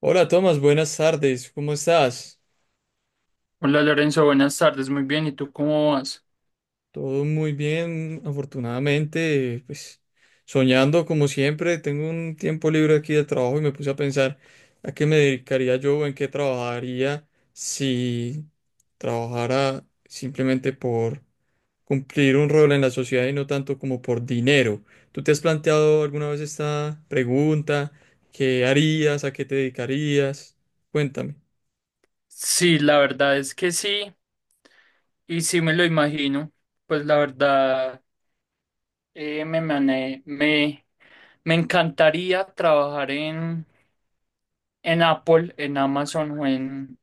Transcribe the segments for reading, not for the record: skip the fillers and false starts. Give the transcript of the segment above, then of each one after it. Hola Tomás, buenas tardes, ¿cómo estás? Hola Lorenzo, buenas tardes, muy bien, ¿y tú cómo vas? Todo muy bien, afortunadamente, pues soñando como siempre, tengo un tiempo libre aquí de trabajo y me puse a pensar a qué me dedicaría yo o en qué trabajaría si trabajara simplemente por cumplir un rol en la sociedad y no tanto como por dinero. ¿Tú te has planteado alguna vez esta pregunta? ¿Qué harías? ¿A qué te dedicarías? Cuéntame. Sí, la verdad es que sí, y sí me lo imagino, pues la verdad eh, me, mane- me, me encantaría trabajar en, Apple, en Amazon o en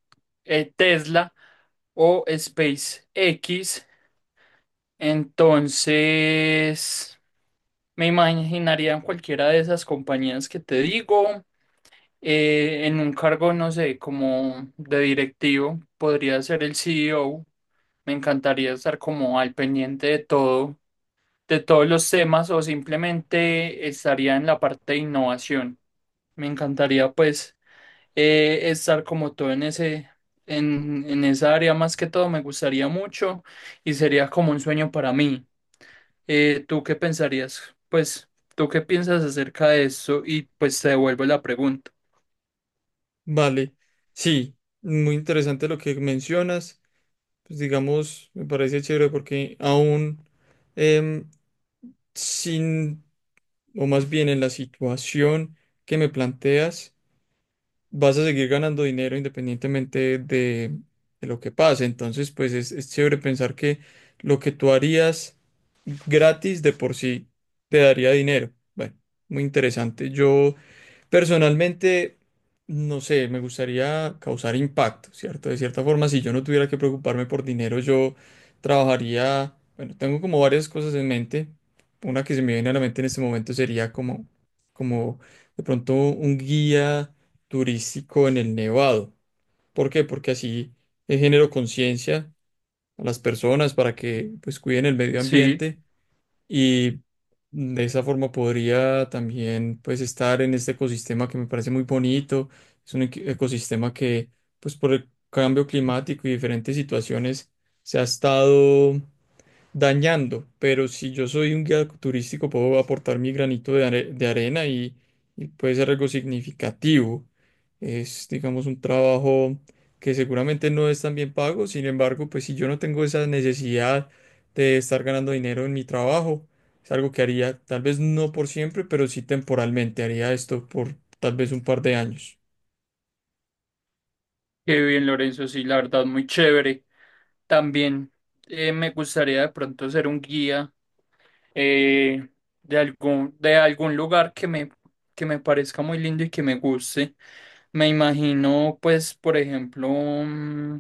eh, Tesla o SpaceX, entonces me imaginaría en cualquiera de esas compañías que te digo, en un cargo, no sé, como de directivo, podría ser el CEO. Me encantaría estar como al pendiente de todo, de todos los temas o simplemente estaría en la parte de innovación. Me encantaría pues estar como todo en esa área más que todo, me gustaría mucho y sería como un sueño para mí. ¿Tú qué pensarías? Pues, ¿tú qué piensas acerca de eso? Y pues te devuelvo la pregunta. Vale, sí, muy interesante lo que mencionas. Pues digamos, me parece chévere porque aún em, sin, o más bien en la situación que me planteas, vas a seguir ganando dinero independientemente de lo que pase. Entonces, pues es chévere pensar que lo que tú harías gratis de por sí te daría dinero. Bueno, muy interesante. Yo personalmente, no sé, me gustaría causar impacto, ¿cierto? De cierta forma, si yo no tuviera que preocuparme por dinero, yo trabajaría, bueno, tengo como varias cosas en mente. Una que se me viene a la mente en este momento sería como de pronto un guía turístico en el Nevado. ¿Por qué? Porque así genero conciencia a las personas para que pues cuiden el medio Sí. ambiente y de esa forma podría también pues estar en este ecosistema que me parece muy bonito. Es un ecosistema que pues por el cambio climático y diferentes situaciones se ha estado dañando, pero si yo soy un guía turístico puedo aportar mi granito de arena y puede ser algo significativo. Es, digamos, un trabajo que seguramente no es tan bien pago. Sin embargo, pues si yo no tengo esa necesidad de estar ganando dinero en mi trabajo, es algo que haría, tal vez no por siempre, pero sí temporalmente. Haría esto por tal vez un par de años. Qué bien, Lorenzo, sí, la verdad, muy chévere. También me gustaría de pronto ser un guía, eh, de algún lugar que me parezca muy lindo y que me guste. Me imagino, pues, por ejemplo,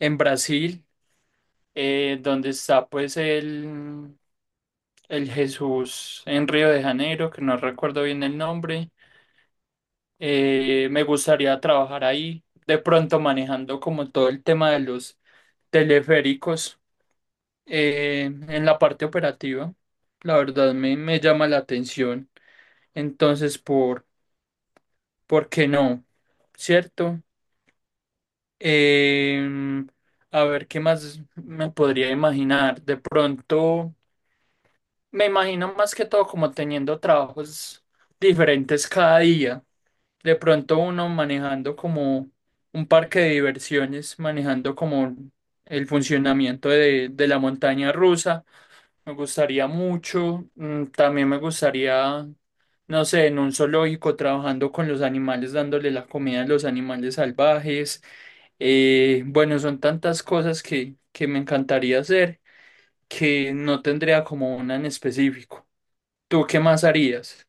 en Brasil, donde está pues el Jesús en Río de Janeiro, que no recuerdo bien el nombre. Me gustaría trabajar ahí, de pronto manejando como todo el tema de los teleféricos, en la parte operativa, la verdad me llama la atención. Entonces, ¿Por qué no? ¿Cierto? Em, a ver, ¿qué más me podría imaginar? De pronto, me imagino más que todo como teniendo trabajos diferentes cada día. De pronto uno manejando como un parque de diversiones, manejando como el funcionamiento de la montaña rusa. Me gustaría mucho. También me gustaría, no sé, en un zoológico trabajando con los animales, dándole la comida a los animales salvajes. Bueno, son tantas cosas que me encantaría hacer que no tendría como una en específico. ¿Tú qué más harías?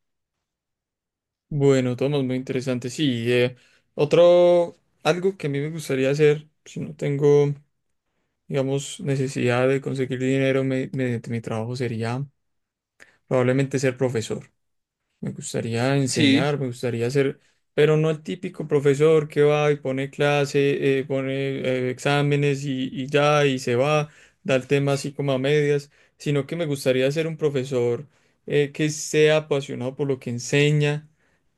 Bueno, Tomás, muy interesante. Sí, otro, algo que a mí me gustaría hacer, si no tengo, digamos, necesidad de conseguir dinero mediante mi trabajo, sería probablemente ser profesor. Me gustaría Sí, enseñar, me gustaría ser, pero no el típico profesor que va y pone clase, pone exámenes y ya, y se va, da el tema así como a medias, sino que me gustaría ser un profesor que sea apasionado por lo que enseña,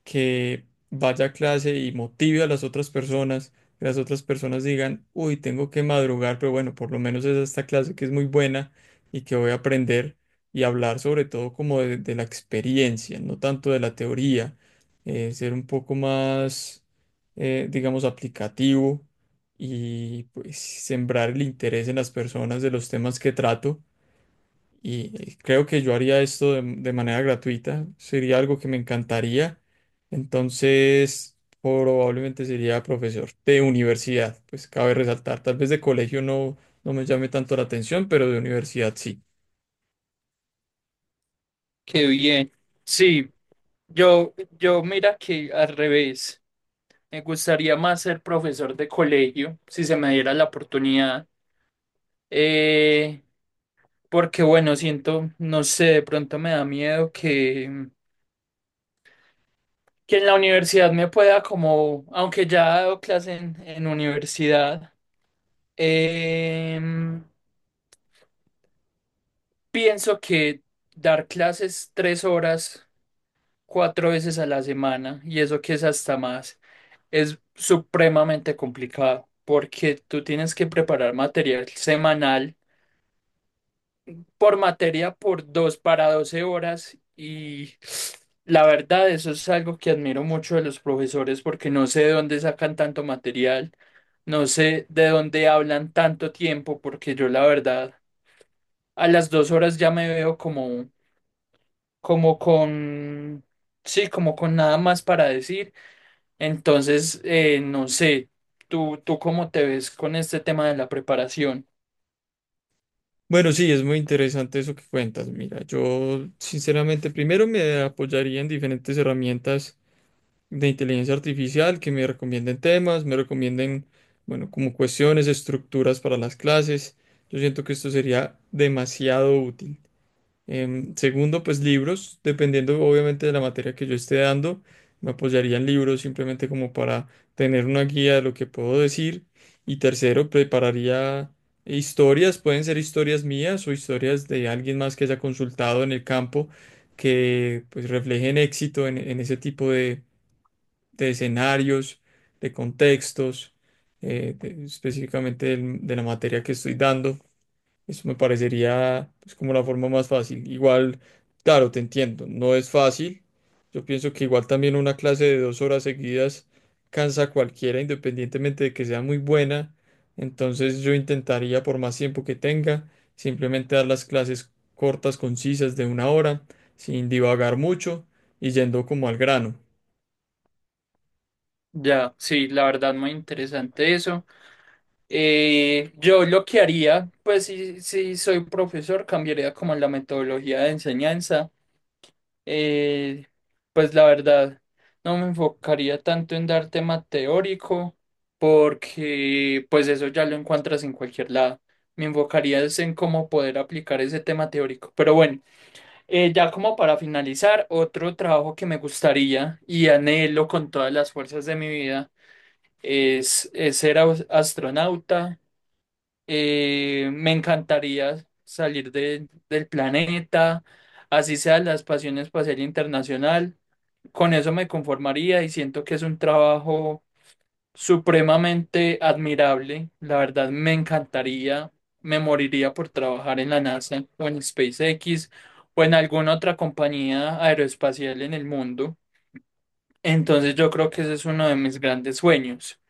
que vaya a clase y motive a las otras personas, que las otras personas digan, uy, tengo que madrugar, pero bueno, por lo menos es esta clase que es muy buena y que voy a aprender y hablar sobre todo como de la experiencia, no tanto de la teoría, ser un poco más, digamos, aplicativo y pues sembrar el interés en las personas de los temas que trato. Y creo que yo haría esto de manera gratuita, sería algo que me encantaría. Entonces, probablemente sería profesor de universidad, pues cabe resaltar, tal vez de colegio no, no me llame tanto la atención, pero de universidad sí. qué bien. Sí, yo mira que al revés. Me gustaría más ser profesor de colegio, si se me diera la oportunidad. Eh, Porque bueno, siento, no sé, de pronto me da miedo que en la universidad me pueda como, aunque ya he dado clase en universidad, em, pienso que dar clases 3 horas, 4 veces a la semana, y eso que es hasta más, es supremamente complicado, porque tú tienes que preparar material semanal por materia por 2 para 12 horas. Y la verdad eso es algo que admiro mucho de los profesores porque no sé de dónde sacan tanto material, no sé de dónde hablan tanto tiempo porque yo la verdad a las 2 horas ya me veo como con, sí, como con nada más para decir. Entonces, no sé, ¿tú cómo te ves con este tema de la preparación? Bueno, sí, es muy interesante eso que cuentas. Mira, yo sinceramente primero me apoyaría en diferentes herramientas de inteligencia artificial que me recomienden temas, me recomienden, bueno, como cuestiones, estructuras para las clases. Yo siento que esto sería demasiado útil. Segundo, pues libros, dependiendo obviamente de la materia que yo esté dando, me apoyaría en libros simplemente como para tener una guía de lo que puedo decir. Y tercero, prepararía historias, pueden ser historias mías o historias de alguien más que haya consultado en el campo, que pues reflejen éxito en ese tipo de escenarios, de contextos, específicamente de la materia que estoy dando. Eso me parecería pues, como la forma más fácil. Igual, claro, te entiendo, no es fácil. Yo pienso que igual también una clase de 2 horas seguidas cansa a cualquiera, independientemente de que sea muy buena. Entonces yo intentaría, por más tiempo que tenga, simplemente dar las clases cortas, concisas, de 1 hora, sin divagar mucho y yendo como al grano. Ya, sí, la verdad muy interesante eso. Yo lo que haría, pues si soy profesor, cambiaría como la metodología de enseñanza. Eh, pues la verdad, no me enfocaría tanto en dar tema teórico, porque pues eso ya lo encuentras en cualquier lado. Me enfocaría es en cómo poder aplicar ese tema teórico. Pero bueno, ya como para finalizar, otro trabajo que me gustaría y anhelo con todas las fuerzas de mi vida es ser astronauta. Me encantaría salir del planeta, así sea la Pasión Espacial Internacional. Con eso me conformaría y siento que es un trabajo supremamente admirable. La verdad, me encantaría, me moriría por trabajar en la NASA o en SpaceX o en alguna otra compañía aeroespacial en el mundo. Entonces yo creo que ese es uno de mis grandes sueños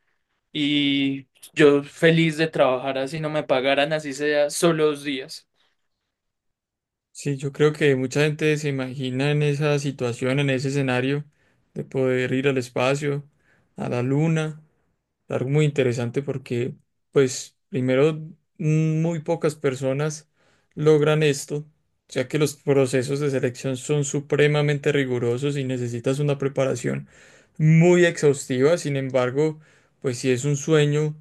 y yo feliz de trabajar así no me pagaran, así sea solo 2 días. Sí, yo creo que mucha gente se imagina en esa situación, en ese escenario, de poder ir al espacio, a la luna. Algo muy interesante porque, pues, primero, muy pocas personas logran esto, ya que los procesos de selección son supremamente rigurosos y necesitas una preparación muy exhaustiva. Sin embargo, pues, si es un sueño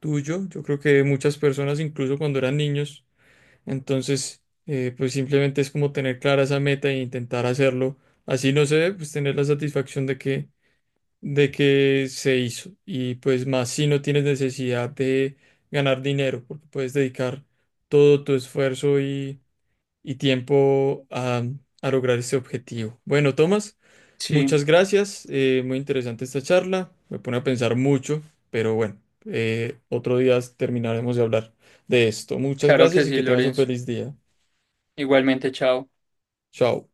tuyo, yo creo que de muchas personas, incluso cuando eran niños, entonces, pues, simplemente es como tener clara esa meta e intentar hacerlo. Así, no sé, pues, tener la satisfacción de que se hizo. Y pues más si no tienes necesidad de ganar dinero, porque puedes dedicar todo tu esfuerzo y tiempo a lograr ese objetivo. Bueno, Tomás, Sí, muchas gracias. Muy interesante esta charla. Me pone a pensar mucho, pero bueno, otro día terminaremos de hablar de esto. Muchas claro que gracias y sí, que tengas un Lorenzo. feliz día. Igualmente, chao. Chao.